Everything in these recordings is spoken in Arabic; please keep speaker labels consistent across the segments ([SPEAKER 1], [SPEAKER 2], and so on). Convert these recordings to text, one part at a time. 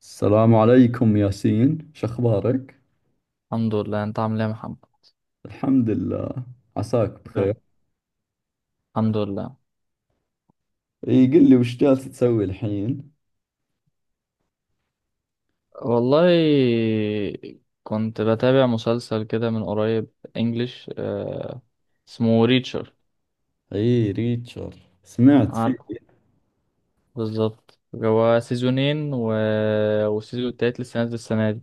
[SPEAKER 1] السلام عليكم ياسين، شخبارك؟
[SPEAKER 2] الحمد لله. انت عامل ايه يا محمد؟
[SPEAKER 1] الحمد لله، عساك بخير.
[SPEAKER 2] نعم. الحمد لله.
[SPEAKER 1] اي قل لي وش جالس تسوي الحين؟
[SPEAKER 2] والله كنت بتابع مسلسل كده من قريب. انجليش. اسمه ريتشر.
[SPEAKER 1] اي ريتشر، سمعت فيه.
[SPEAKER 2] عارفه. بالظبط، هو سيزونين والسيزون التالت لسه نازل السنة دي.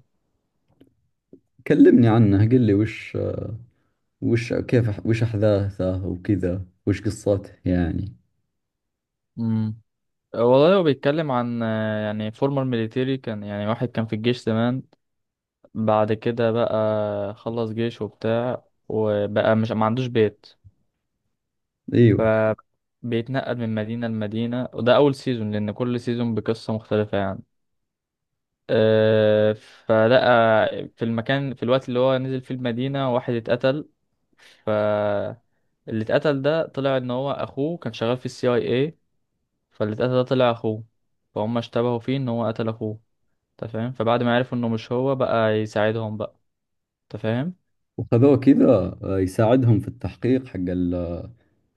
[SPEAKER 1] كلمني عنه، قل لي وش كيف، وش احداثه وكذا، وش قصته يعني.
[SPEAKER 2] مم. والله هو بيتكلم عن يعني فورمر ميليتيري، كان يعني واحد كان في الجيش زمان. بعد كده بقى خلص جيش وبتاع، وبقى مش ما عندوش بيت،
[SPEAKER 1] ايوه،
[SPEAKER 2] فبيتنقل من مدينة لمدينة. وده أول سيزون لأن كل سيزون بقصة مختلفة يعني. فلقى في المكان، في الوقت اللي هو نزل فيه المدينة، واحد اتقتل. ف اللي اتقتل ده طلع ان هو اخوه كان شغال في الCIA. فاللي اتقتل ده طلع اخوه، فهم اشتبهوا فيه ان هو قتل اخوه. انت فاهم؟ فبعد ما عرفوا انه مش هو، بقى يساعدهم بقى. انت فاهم؟
[SPEAKER 1] وخذوه كذا. آه، يساعدهم في التحقيق حق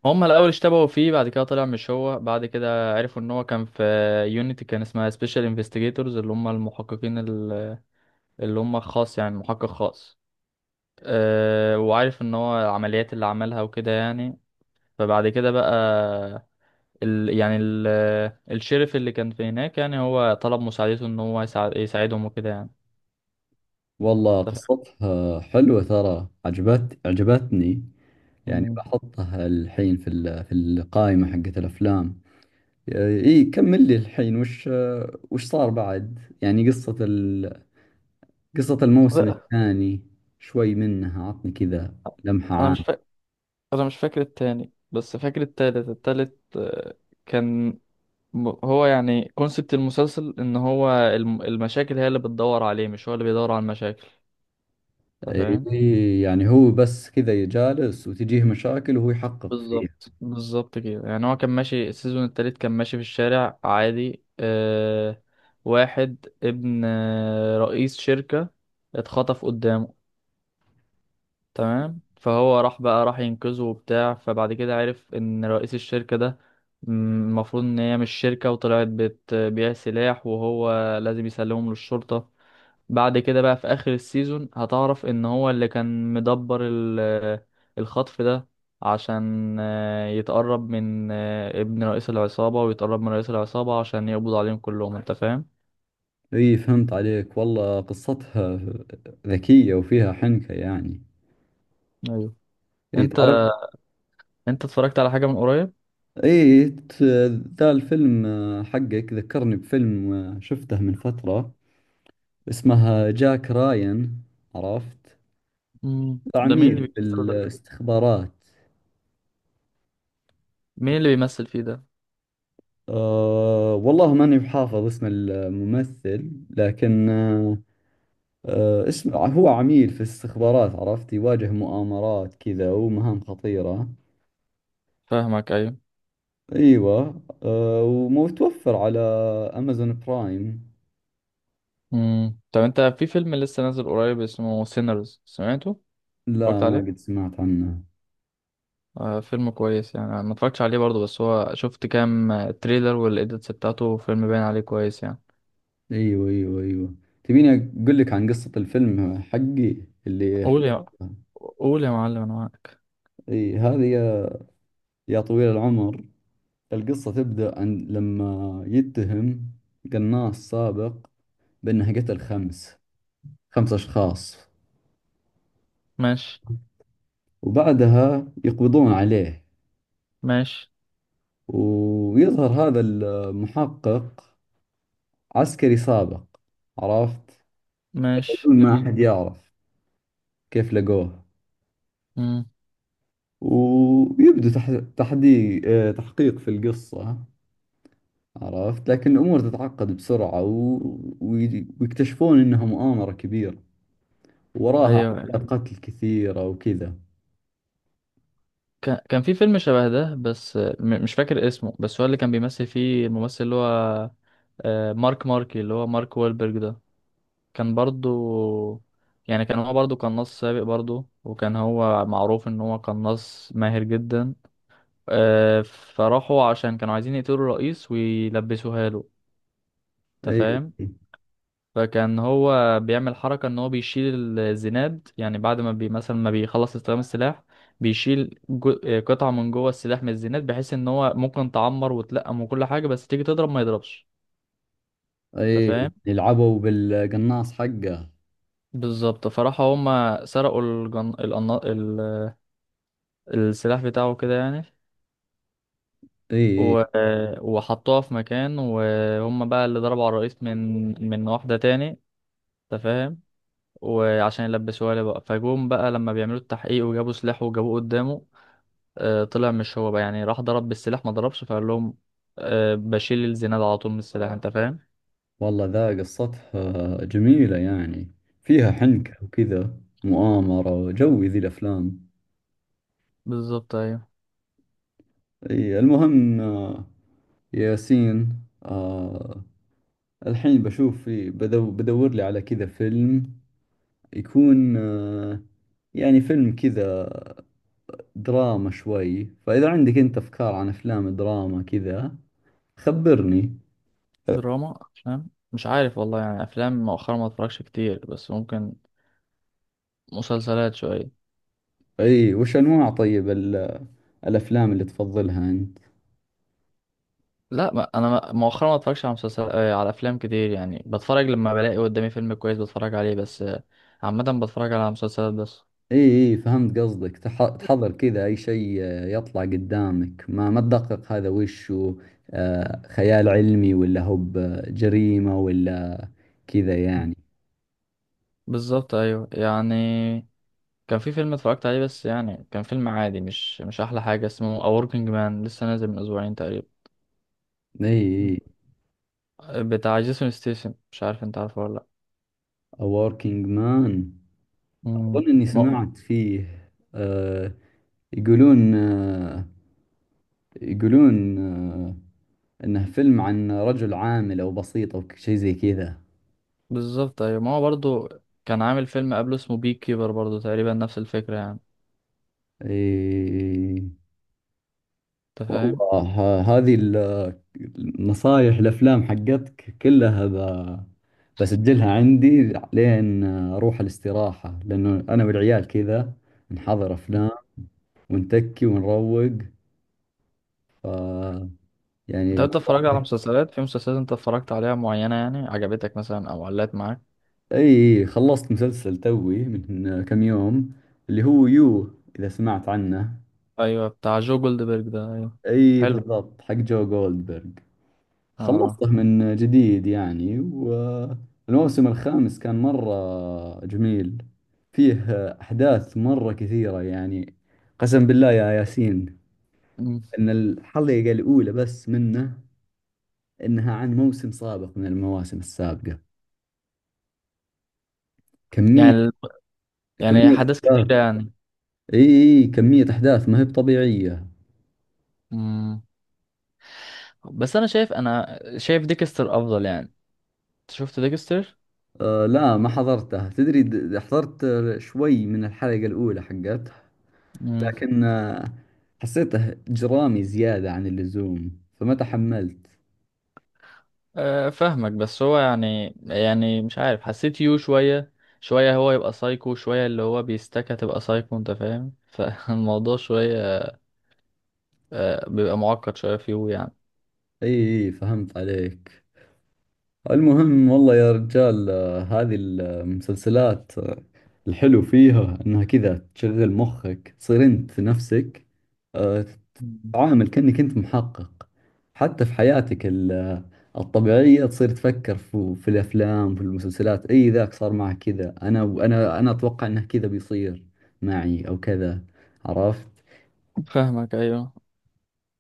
[SPEAKER 2] هم الاول اشتبهوا فيه، بعد كده طلع مش هو، بعد كده عرفوا ان هو كان في يونيتي، كان اسمها سبيشال انفستيجيتورز، اللي هم اللي هم خاص، يعني محقق خاص. وعارف ان هو العمليات اللي عملها وكده يعني. فبعد كده بقى ال يعني ال الشريف اللي كان في هناك، يعني هو طلب مساعدته ان هو يساعدهم وكده يعني.
[SPEAKER 1] والله
[SPEAKER 2] أنت فاهم؟
[SPEAKER 1] قصتها حلوة ترى، عجبتني. يعني
[SPEAKER 2] مم.
[SPEAKER 1] بحطها الحين في في القائمة حقت الافلام. اي كمل لي الحين، وش صار بعد، يعني قصة قصة الموسم
[SPEAKER 2] لا،
[SPEAKER 1] الثاني. شوي منها عطني كذا، لمحة
[SPEAKER 2] انا مش
[SPEAKER 1] عامة.
[SPEAKER 2] فاكر انا مش فاكر التاني، بس فاكر التالت التالت آه، كان هو يعني كونسبت المسلسل ان هو المشاكل هي اللي بتدور عليه، مش هو اللي بيدور على المشاكل. انت فاهم؟
[SPEAKER 1] اي يعني هو بس كذا جالس وتجيه مشاكل وهو يحقق فيها.
[SPEAKER 2] بالظبط بالظبط كده يعني. هو كان ماشي السيزون التالت كان ماشي في الشارع عادي. واحد ابن رئيس شركة اتخطف قدامه. تمام. فهو راح ينقذه وبتاع. فبعد كده عرف ان رئيس الشركة ده، م- المفروض ان هي مش شركة وطلعت بتبيع سلاح، وهو لازم يسلمهم للشرطة. بعد كده بقى، في اخر السيزون، هتعرف ان هو اللي كان مدبر الخطف ده، عشان يتقرب من ابن رئيس العصابة، ويتقرب من رئيس العصابة عشان يقبض عليهم كلهم. انت فاهم؟
[SPEAKER 1] اي فهمت عليك، والله قصتها ذكية وفيها حنكة يعني.
[SPEAKER 2] ايوه.
[SPEAKER 1] اي
[SPEAKER 2] انت
[SPEAKER 1] تعرف،
[SPEAKER 2] انت اتفرجت على حاجة من قريب؟
[SPEAKER 1] اي ت- ذا الفيلم، حقك، ذكرني بفيلم شفته من فترة، اسمها جاك راين، عرفت؟
[SPEAKER 2] ده مين
[SPEAKER 1] عميل
[SPEAKER 2] اللي بيمثل ده؟
[SPEAKER 1] بالاستخبارات.
[SPEAKER 2] مين اللي بيمثل فيه ده؟
[SPEAKER 1] أه والله ماني بحافظ اسم الممثل، لكن أه، اسم، هو عميل في الاستخبارات، عرفت، يواجه مؤامرات كذا ومهام خطيرة.
[SPEAKER 2] فاهمك، ايوه.
[SPEAKER 1] ايوه أه، ومتوفر على امازون برايم.
[SPEAKER 2] طب انت، في فيلم لسه نازل قريب اسمه سينرز، سمعته؟ اتفرجت
[SPEAKER 1] لا ما قد
[SPEAKER 2] عليه.
[SPEAKER 1] سمعت عنه.
[SPEAKER 2] فيلم كويس يعني. أنا ما اتفرجتش عليه برضه، بس هو شفت كام تريلر والإيديتس بتاعته، فيلم باين عليه كويس يعني.
[SPEAKER 1] ايوه ايوه ايوه، تبيني اقول لك عن قصة الفيلم حقي اللي
[SPEAKER 2] قول يا
[SPEAKER 1] حضرته؟
[SPEAKER 2] قول يا معلم، أنا معاك.
[SPEAKER 1] اي هذه يا طويل العمر، القصة تبدأ عن لما يتهم قناص سابق بأنه قتل خمس أشخاص،
[SPEAKER 2] ماشي.
[SPEAKER 1] وبعدها يقبضون عليه،
[SPEAKER 2] ماشي.
[SPEAKER 1] ويظهر هذا المحقق، عسكري سابق، عرفت،
[SPEAKER 2] ماشي
[SPEAKER 1] بدون ما
[SPEAKER 2] جميل.
[SPEAKER 1] أحد يعرف كيف لقوه.
[SPEAKER 2] مم.
[SPEAKER 1] ويبدو تح... تحدي... آه، تحقيق في القصة، عرفت، لكن الأمور تتعقد بسرعة و ويكتشفون إنها مؤامرة كبيرة وراها
[SPEAKER 2] أيوه.
[SPEAKER 1] عمليات قتل كثيرة وكذا.
[SPEAKER 2] كان في فيلم شبه ده، بس مش فاكر اسمه، بس هو اللي كان بيمثل فيه الممثل اللي هو آه، مارك ماركي اللي هو مارك وولبرج ده. كان برضه يعني كان هو برضه قناص سابق برضه، وكان هو معروف ان هو قناص ماهر جدا. فراحوا، عشان كانوا عايزين يقتلوا الرئيس ويلبسوها له. انت
[SPEAKER 1] اي
[SPEAKER 2] فاهم؟ فكان هو بيعمل حركة ان هو بيشيل الزناد، يعني بعد ما مثلا ما بيخلص استخدام السلاح، بيشيل جو... آه، قطعة من جوه السلاح من الزناد، بحيث ان هو ممكن تعمر وتلقم وكل حاجة، بس تيجي تضرب ما يضربش. انت
[SPEAKER 1] اي،
[SPEAKER 2] فاهم؟
[SPEAKER 1] يلعبوا بالقناص حقه.
[SPEAKER 2] بالظبط. فراحوا هما سرقوا السلاح بتاعه كده يعني.
[SPEAKER 1] اي
[SPEAKER 2] و...
[SPEAKER 1] اي،
[SPEAKER 2] آه، وحطوها في مكان، وهم بقى اللي ضربوا على الرئيس من واحدة تاني. انت فاهم؟ وعشان يلبسوها لي بقى، فجوم بقى لما بيعملوا التحقيق وجابوا سلاح وجابوه قدامه. طلع مش هو بقى، يعني راح ضرب بالسلاح ما ضربش، فقال لهم بشيل الزناد على طول من السلاح. انت فاهم؟
[SPEAKER 1] والله ذا قصتها جميلة يعني، فيها حنكة وكذا، مؤامرة، وجوي ذي الأفلام.
[SPEAKER 2] بالظبط، ايوه.
[SPEAKER 1] اي المهم ياسين، الحين بشوف، في بدو بدور لي على كذا فيلم، يكون آه، يعني فيلم كذا دراما شوي، فإذا عندك أنت أفكار عن أفلام دراما كذا خبرني.
[SPEAKER 2] دراما. فاهم. مش عارف والله، يعني افلام مؤخرا ما اتفرجش كتير، بس ممكن مسلسلات شويه.
[SPEAKER 1] اي وش انواع طيب الافلام اللي تفضلها انت.
[SPEAKER 2] لا، ما انا ما- مؤخرا ما اتفرجش على مسلسل على افلام كتير يعني. بتفرج لما بلاقي قدامي فيلم كويس بتفرج عليه بس. عامه بتفرج على مسلسلات بس.
[SPEAKER 1] اي اي، فهمت قصدك، تحضر كذا اي شيء يطلع قدامك، ما تدقق هذا وش هو، آه، خيال علمي ولا هو بجريمة ولا كذا يعني.
[SPEAKER 2] بالظبط ايوه يعني. كان في فيلم اتفرجت عليه، بس يعني كان فيلم عادي، مش احلى حاجه، اسمه A Working Man، لسه نازل من اسبوعين تقريبا.
[SPEAKER 1] اي اي،
[SPEAKER 2] بتاع جيسون ستيسن، مش عارف انت عارفه ولا لا.
[SPEAKER 1] A Working Man،
[SPEAKER 2] امم.
[SPEAKER 1] اظن اني
[SPEAKER 2] ما
[SPEAKER 1] سمعت فيه. آه، يقولون آه، يقولون انه فيلم عن رجل عامل او بسيط او شيء زي كذا.
[SPEAKER 2] بالظبط ايوه، ما هو برضه كان عامل فيلم قبله اسمه بي كيبر، برضه تقريبا نفس الفكره يعني.
[SPEAKER 1] اي
[SPEAKER 2] انت فاهم؟
[SPEAKER 1] والله، هذه النصايح الافلام حقتك كلها بسجلها عندي لين اروح الاستراحة، لانه انا والعيال كذا نحضر افلام ونتكي ونروق. ف
[SPEAKER 2] انت
[SPEAKER 1] يعني
[SPEAKER 2] انت اتفرجت على
[SPEAKER 1] نصحك.
[SPEAKER 2] مسلسلات في مسلسلات انت اتفرجت عليها معينه، يعني عجبتك مثلا او علقت معاك؟
[SPEAKER 1] اي خلصت مسلسل توي من كم يوم، اللي هو يو، اذا سمعت عنه.
[SPEAKER 2] ايوه، بتاع جو جولدبرج ده، ايوه.
[SPEAKER 1] اي
[SPEAKER 2] حلو.
[SPEAKER 1] بالضبط، حق جو جولدبرغ.
[SPEAKER 2] اه.
[SPEAKER 1] خلصته من جديد يعني، والموسم الخامس كان مرة جميل. فيه أحداث مرة كثيرة يعني. قسم بالله يا ياسين،
[SPEAKER 2] مم.
[SPEAKER 1] أن الحلقة الأولى بس منه، أنها عن موسم سابق من المواسم السابقة، كمية
[SPEAKER 2] يعني يعني
[SPEAKER 1] كمية
[SPEAKER 2] حدث كتير
[SPEAKER 1] أحداث.
[SPEAKER 2] يعني.
[SPEAKER 1] إي إي، كمية أحداث ما هي بطبيعية.
[SPEAKER 2] مم. بس انا شايف ديكستر افضل يعني. انت شفت ديكستر؟
[SPEAKER 1] أه لا ما حضرتها تدري، حضرت شوي من الحلقة الأولى حقت،
[SPEAKER 2] امم.
[SPEAKER 1] لكن آه، حسيته جرامي زيادة عن اللزوم فما تحملت.
[SPEAKER 2] أه فاهمك، بس هو يعني مش عارف، حسيت يو شوية شوية، هو يبقى سايكو شوية، اللي هو بيستكى تبقى سايكو. انت فاهم فالموضوع شوية أه بيبقى معقد شوية في يو يعني.
[SPEAKER 1] اي إي، فهمت عليك. المهم والله يا رجال، آه، هذه المسلسلات، آه، الحلو فيها انها كذا تشغل مخك، تصير انت نفسك آه، تتعامل كأنك انت محقق. حتى في حياتك الطبيعية، تصير تفكر في, في الافلام في المسلسلات، اي ذاك صار معه كذا، انا اتوقع انه كذا بيصير معي او كذا، عرفت.
[SPEAKER 2] فاهمك، ايوه.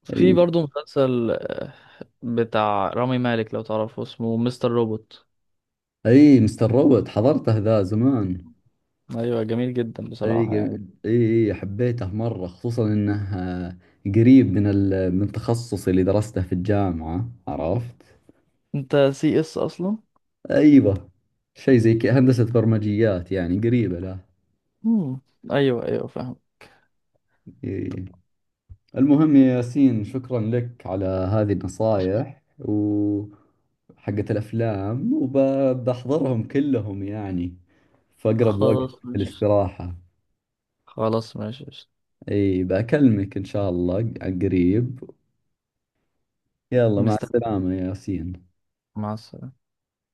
[SPEAKER 2] في
[SPEAKER 1] اي
[SPEAKER 2] برضه مسلسل بتاع رامي مالك، لو تعرفه اسمه مستر روبوت.
[SPEAKER 1] اي، مستر روبوت حضرته ذا زمان.
[SPEAKER 2] ايوه، جميل جدا
[SPEAKER 1] اي
[SPEAKER 2] بصراحة يعني.
[SPEAKER 1] اي اي، حبيته مرة، خصوصا انه آه، قريب من من تخصصي اللي درسته في الجامعة، عرفت.
[SPEAKER 2] انت CS اصلا؟
[SPEAKER 1] ايوه شيء زي كذا، هندسة برمجيات يعني قريبة له.
[SPEAKER 2] مم. ايوه ايوه فاهم.
[SPEAKER 1] إيه. المهم يا ياسين، شكرا لك على هذه النصائح و حقت الأفلام، وبحضرهم كلهم يعني في أقرب وقت في
[SPEAKER 2] خلاص ماشي.
[SPEAKER 1] الاستراحة.
[SPEAKER 2] خلاص ماشي.
[SPEAKER 1] اي بكلمك ان شاء الله عن قريب. يلا مع
[SPEAKER 2] مستني.
[SPEAKER 1] السلامة يا ياسين.
[SPEAKER 2] مع السلامة.